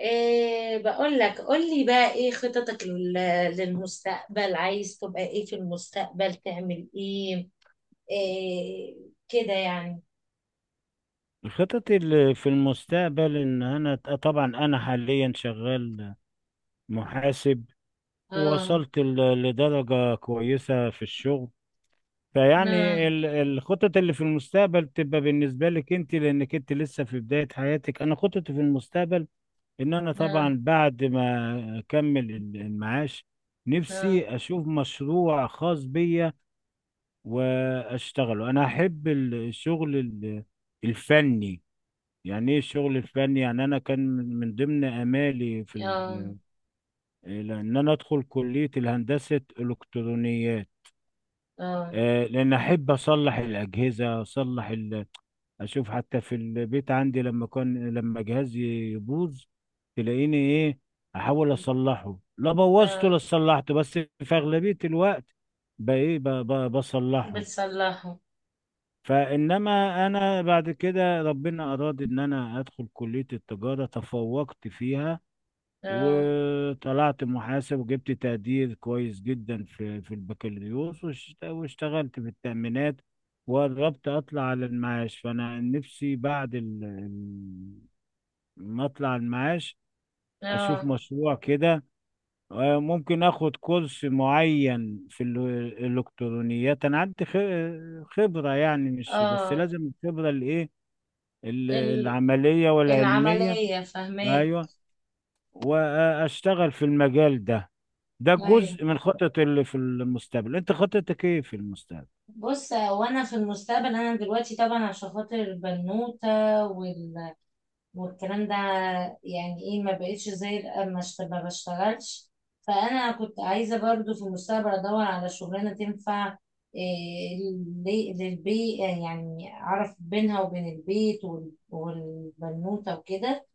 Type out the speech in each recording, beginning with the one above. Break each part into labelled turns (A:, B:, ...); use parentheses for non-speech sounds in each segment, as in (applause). A: إيه بقول لك، قول لي بقى ايه خططك للمستقبل. عايز تبقى ايه في المستقبل؟ تعمل ايه، إيه كده يعني.
B: خططي في المستقبل ان انا طبعا حاليا شغال محاسب.
A: اه.
B: ووصلت لدرجة كويسة في الشغل. فيعني
A: لا،
B: الخطط اللي في المستقبل تبقى بالنسبة لك انت، لانك انت لسه في بداية حياتك. انا خططي في المستقبل ان انا
A: لا،
B: طبعا بعد ما اكمل المعاش،
A: لا.
B: نفسي اشوف مشروع خاص بيا واشتغله. انا احب الشغل الفني. يعني ايه الشغل الفني؟ يعني انا كان من ضمن امالي في
A: اه،
B: ال- إيه، ان انا ادخل كليه الهندسه الكترونيات،
A: اه.
B: لان احب اصلح الاجهزه، اصلح اشوف حتى في البيت عندي، لما كان لما جهازي يبوظ تلاقيني ايه، احاول اصلحه. لا بوظته
A: لا.
B: لا صلحته، بس في اغلبيه الوقت بصلحه.
A: بتصلحه.
B: فانما انا بعد كده ربنا اراد ان انا ادخل كليه التجاره، تفوقت فيها
A: اه،
B: وطلعت محاسب وجبت تقدير كويس جدا في في البكالوريوس، واشتغلت في التأمينات. وقربت اطلع على المعاش. فانا نفسي بعد ما اطلع المعاش اشوف
A: اه،
B: مشروع كده. ممكن اخد كورس معين في الالكترونيات. انا عندي خبرة، يعني مش بس
A: اه.
B: لازم الخبرة الايه،
A: ال-
B: العملية والعلمية.
A: العملية فهماك.
B: ايوه، واشتغل في المجال ده. ده
A: ايوه.
B: جزء من خطط اللي في المستقبل. انت خطتك ايه في المستقبل؟
A: بص، وانا في المستقبل انا دلوقتي طبعا عشان خاطر البنوتة والكلام ده، يعني ايه، ما بقتش زي ما بشتغلش. فانا كنت عايزه برضو في المستقبل ادور على شغلانه تنفع إيه للبيت، يعني اعرف بينها وبين البيت والبنوته وكده.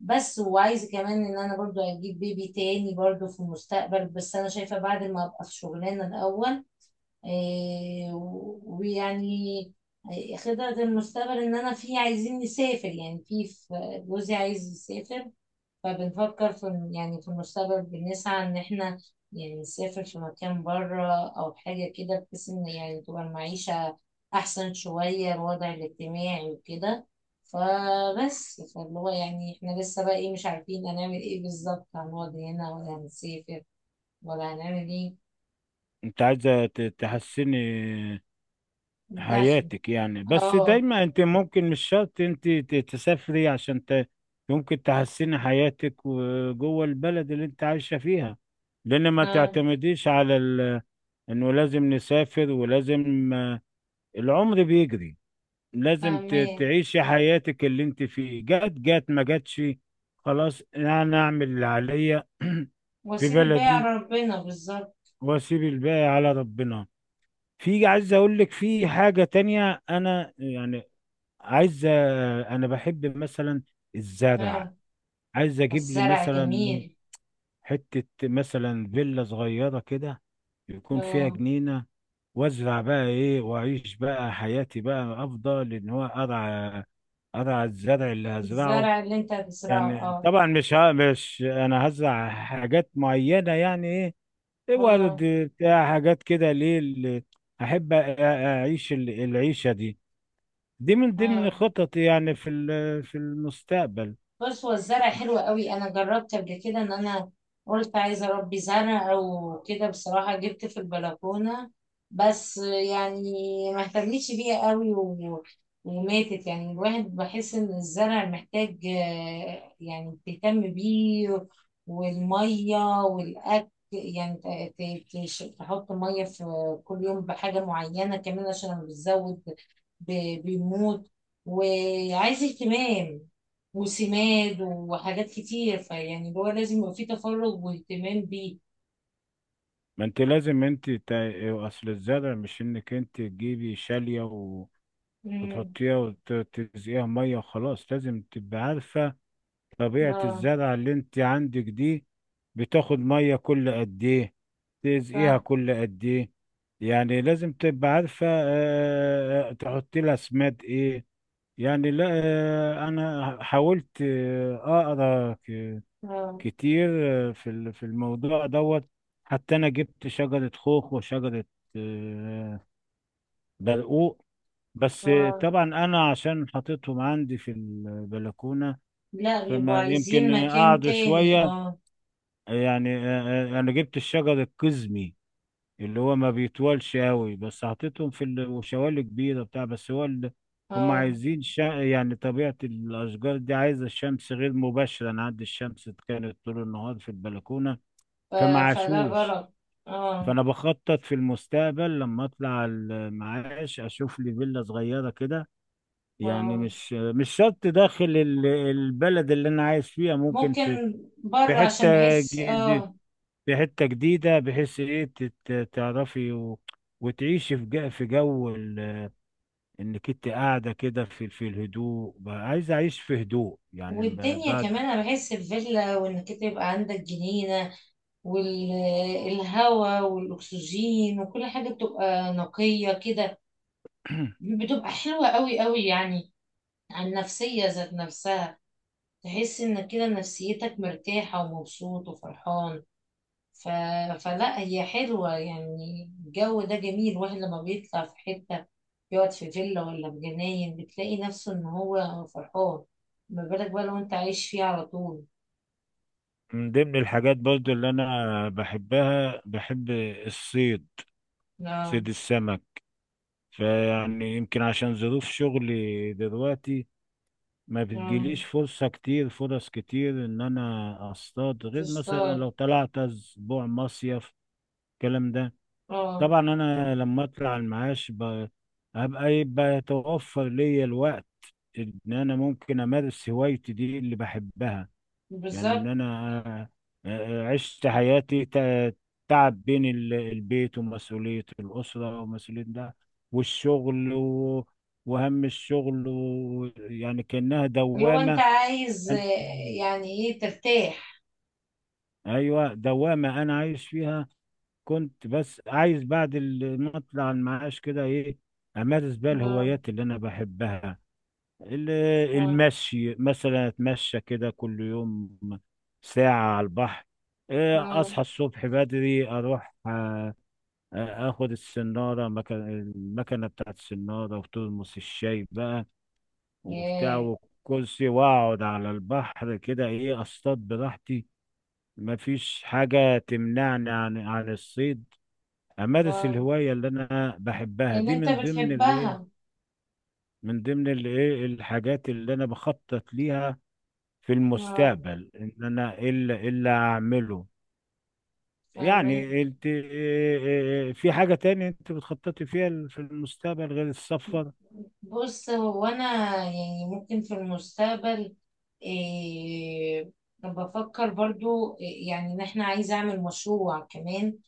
A: بس وعايزه كمان ان انا برضو اجيب بيبي تاني برضو في المستقبل، بس انا شايفه بعد ما ابقى في شغلانه الاول. ويعني خطط المستقبل ان انا في عايزين نسافر، يعني في جوزي عايز يسافر. فبنفكر يعني في المستقبل بنسعى ان احنا يعني نسافر في مكان بره، او حاجة كده بحيث ان يعني تبقى المعيشة احسن شوية، الوضع الاجتماعي وكده. فبس، فاللي هو يعني احنا لسه بقى ايه مش عارفين هنعمل ايه بالظبط، هنقعد هنا ولا هنسافر ولا هنعمل ايه.
B: انت عايزة تحسني
A: الدخل.
B: حياتك يعني، بس
A: اه.
B: دايما انت ممكن مش شرط انت تسافري عشان ممكن تحسني حياتك جوه البلد اللي انت عايشة فيها. لان ما
A: آه.
B: تعتمديش على انه لازم نسافر ولازم، العمر بيجري. لازم
A: فاهمين.
B: تعيشي حياتك اللي انت فيه، جات جات، ما جاتش خلاص، انا اعمل اللي عليا (clears throat) في
A: وسيل بقى
B: بلدي
A: ربنا بالظبط.
B: واسيب الباقي على ربنا. في عايز اقول لك في حاجة تانية. انا يعني عايز انا بحب مثلا الزرع.
A: اه.
B: عايز اجيب لي
A: والزرع
B: مثلا
A: جميل.
B: حتة، مثلا فيلا صغيرة كده يكون فيها
A: اه.
B: جنينة، وازرع بقى ايه واعيش بقى حياتي. بقى افضل ان هو ارعى، ارعى الزرع اللي هزرعه.
A: الزرع اللي انت هتزرعه.
B: يعني
A: اه،
B: طبعا مش انا هزرع حاجات معينة، يعني ايه، إيه ورد
A: اه.
B: بتاع حاجات كده، ليه اللي احب اعيش العيشة دي. دي من ضمن
A: آه.
B: خططي يعني في في المستقبل.
A: بص، هو الزرع حلو قوي، انا جربت قبل كده ان انا قلت عايزه اربي زرع او كده. بصراحه جبت في البلكونه، بس يعني ما اهتمتش بيها قوي وماتت. يعني الواحد بحس ان الزرع محتاج، يعني تهتم بيه والميه والاكل. يعني تحط ميه في كل يوم بحاجه معينه، كمان عشان لما بتزود بيموت. وعايز اهتمام وسماد وحاجات كتير، فيعني اللي هو لازم يبقى فيه تفرغ واهتمام بيه.
B: ما انت لازم انت اصل الزرع مش انك انت تجيبي شالية
A: امم.
B: وتحطيها وتسقيها ميه وخلاص، لازم تبقى عارفه طبيعه
A: اه.
B: الزرعه اللي انت عندك دي، بتاخد ميه كل قد ايه، تسقيها
A: صح.
B: كل قد ايه. يعني لازم تبقى عارفه تحطي لها سماد ايه. يعني لا، انا حاولت اقرا
A: اه،
B: كتير في في الموضوع دوت. حتى انا جبت شجره خوخ وشجره آه، برقوق بس.
A: اه.
B: طبعا انا عشان حطيتهم عندي في البلكونه،
A: لا، بيبقوا
B: فما
A: عايزين
B: يمكن
A: مكان
B: قعدوا
A: تاني.
B: شويه.
A: اه،
B: يعني انا جبت الشجر القزمي اللي هو ما بيطولش قوي، بس حطيتهم في وشوالي كبيره بتاع، بس هو هم
A: اه.
B: عايزين يعني طبيعه الاشجار دي عايزه الشمس غير مباشره، انا عندي الشمس كانت طول النهار في البلكونه،
A: ف-
B: فما
A: فده
B: عاشوش.
A: غلط. اه،
B: فانا بخطط في المستقبل لما اطلع المعاش اشوف لي فيلا صغيره كده. يعني
A: اه.
B: مش مش شرط داخل البلد اللي انا عايش فيها، ممكن في
A: ممكن
B: في
A: بره عشان
B: حته
A: بحس.
B: جديده،
A: اه.
B: في حته جديده بحيث ايه تعرفي وتعيشي في جو، في جو انك انت قاعده كده في في الهدوء. بقى عايز اعيش في هدوء يعني
A: والدنيا
B: بعد.
A: كمان، انا بحس الفيلا وانك انت يبقى عندك جنينة والهواء والاكسجين وكل حاجة بتبقى نقية كده، بتبقى حلوة قوي قوي يعني، عن النفسية ذات نفسها. تحس انك كده نفسيتك مرتاحة ومبسوط وفرحان. ف... فلا، هي حلوة يعني الجو ده جميل. واحد لما بيطلع في حتة يقعد في فيلا ولا في جناين بتلاقي نفسه ان هو فرحان، ما بالك بقى لو انت عايش فيه على طول.
B: من ضمن الحاجات برضو اللي انا بحبها، بحب الصيد،
A: لا.
B: صيد السمك. فيعني يمكن عشان ظروف شغلي دلوقتي ما
A: اه.
B: بتجيليش فرصة كتير، فرص كتير ان انا اصطاد، غير مثلا
A: تستار.
B: لو طلعت اسبوع مصيف الكلام ده.
A: اه.
B: طبعا انا لما اطلع المعاش هبقى، يبقى يتوفر ليا الوقت ان انا ممكن امارس هوايتي دي اللي بحبها. يعني ان
A: بالظبط.
B: انا عشت حياتي تعب بين البيت ومسؤولية الأسرة ومسؤولية ده والشغل وهم الشغل يعني كأنها
A: اللي هو انت
B: دوامة.
A: عايز، يعني ايه، ترتاح.
B: ايوه دوامه انا عايش فيها. كنت بس عايز بعد ما اطلع المعاش كده ايه امارس بقى
A: اه،
B: الهوايات اللي انا بحبها، ال-
A: اه،
B: المشي مثلا، اتمشى كده كل يوم ساعه على البحر.
A: اه.
B: اصحى الصبح بدري اروح اخد السناره مكان المكنه بتاعت السناره وترمس الشاي بقى وبتاع
A: ياه.
B: والكرسي، واقعد على البحر كده ايه اصطاد براحتي. مفيش حاجة تمنعني عن عن الصيد. أمارس
A: اه.
B: الهواية اللي أنا بحبها،
A: ان
B: دي
A: انت
B: من ضمن الإيه،
A: بتحبها.
B: من ضمن الإيه الحاجات اللي أنا بخطط ليها في
A: اه.
B: المستقبل، إن أنا إيه اللي إيه اللي أعمله.
A: فاهمة.
B: يعني أنت إيه- إيه- إيه، في حاجة تانية أنت بتخططي فيها في المستقبل غير السفر؟
A: بص، هو انا يعني ممكن في المستقبل إيه بفكر برضو، إيه، يعني ان احنا عايزة اعمل مشروع كمان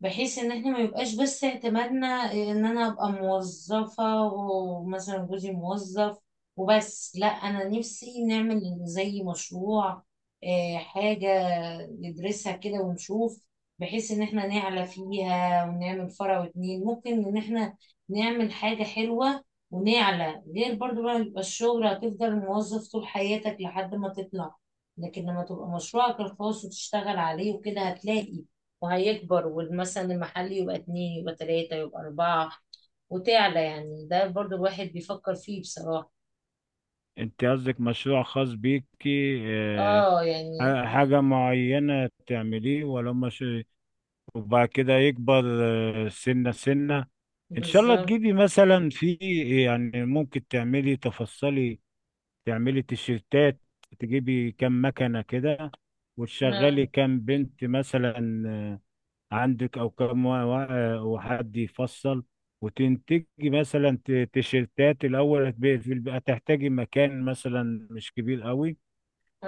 A: بحيث ان احنا ما يبقاش بس اعتمادنا ان انا ابقى موظفة ومثلا جوزي موظف وبس. لا، انا نفسي نعمل زي مشروع، حاجة ندرسها كده ونشوف بحيث ان احنا نعلى فيها ونعمل فرع واتنين. ممكن ان احنا نعمل حاجة حلوة ونعلى، غير برضو بقى يبقى الشغل هتفضل موظف طول حياتك لحد ما تطلع. لكن لما تبقى مشروعك الخاص وتشتغل عليه وكده هتلاقي وهيكبر، ومثلا المحل يبقى اتنين يبقى تلاتة يبقى أربعة وتعلى. يعني ده برضو الواحد بيفكر فيه بصراحة.
B: أنت قصدك مشروع خاص بيكي إيه،
A: اه، يعني.
B: حاجة معينة تعمليه، ولا مش وبعد كده يكبر سنة سنة؟ ان شاء الله
A: بالظبط.
B: تجيبي مثلا في، يعني ممكن تعملي تفصلي، تعملي تيشيرتات، تجيبي كام مكنة كده
A: اه.
B: وتشغلي كام بنت مثلا عندك، او كام وحد يفصل، وتنتجي مثلا تيشيرتات. الاول هتبقى في هتحتاجي مكان مثلا مش كبير قوي،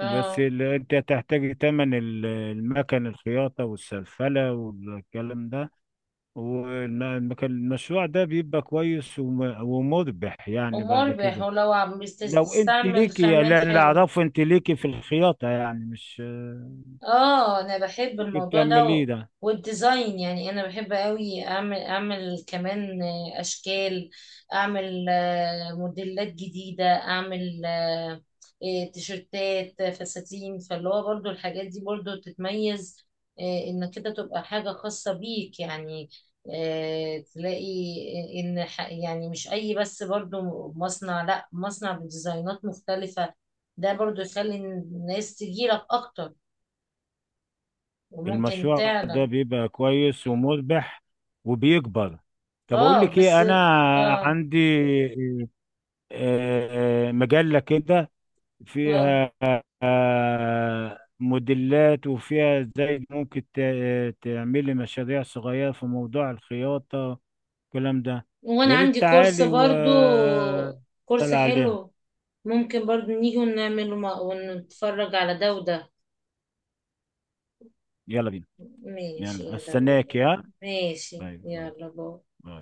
B: بس انت هتحتاجي تمن المكن الخياطة والسلفلة والكلام ده. والمشروع ده بيبقى كويس ومربح يعني بعد
A: ومربح،
B: كده.
A: ولو عم
B: لو انت
A: بتستعمل
B: ليكي،
A: خامات
B: اللي اللي
A: حلوة.
B: اعرفه انت ليكي في الخياطة، يعني مش
A: اه انا بحب
B: ممكن
A: الموضوع ده
B: تعمليه ده؟
A: والديزاين، يعني انا بحب قوي اعمل كمان اشكال، اعمل موديلات جديدة، اعمل تيشرتات فساتين. فاللي هو برضو الحاجات دي برضو تتميز، ان كده تبقى حاجة خاصة بيك يعني. تلاقي يعني مش اي، بس برضو مصنع. لا، مصنع بديزاينات مختلفة، ده برضو يخلي الناس تجيلك اكتر وممكن
B: المشروع
A: تعلى.
B: ده بيبقى كويس ومربح وبيكبر. طب اقول
A: اه
B: لك
A: بس.
B: ايه، انا
A: اه،
B: عندي مجلة كده
A: اه.
B: فيها موديلات، وفيها ازاي ممكن تعملي مشاريع صغيرة في موضوع الخياطة الكلام ده.
A: وانا
B: يا ريت
A: عندي كورس
B: تعالي و
A: برضو، كورس
B: عليها.
A: حلو، ممكن برضو نيجي ونعمله، ونتفرج على ده وده.
B: يلا بينا.
A: ماشي،
B: يلا
A: يلا
B: استناك
A: بينا.
B: يا
A: ماشي،
B: باي باي.
A: يلا باي.
B: باي.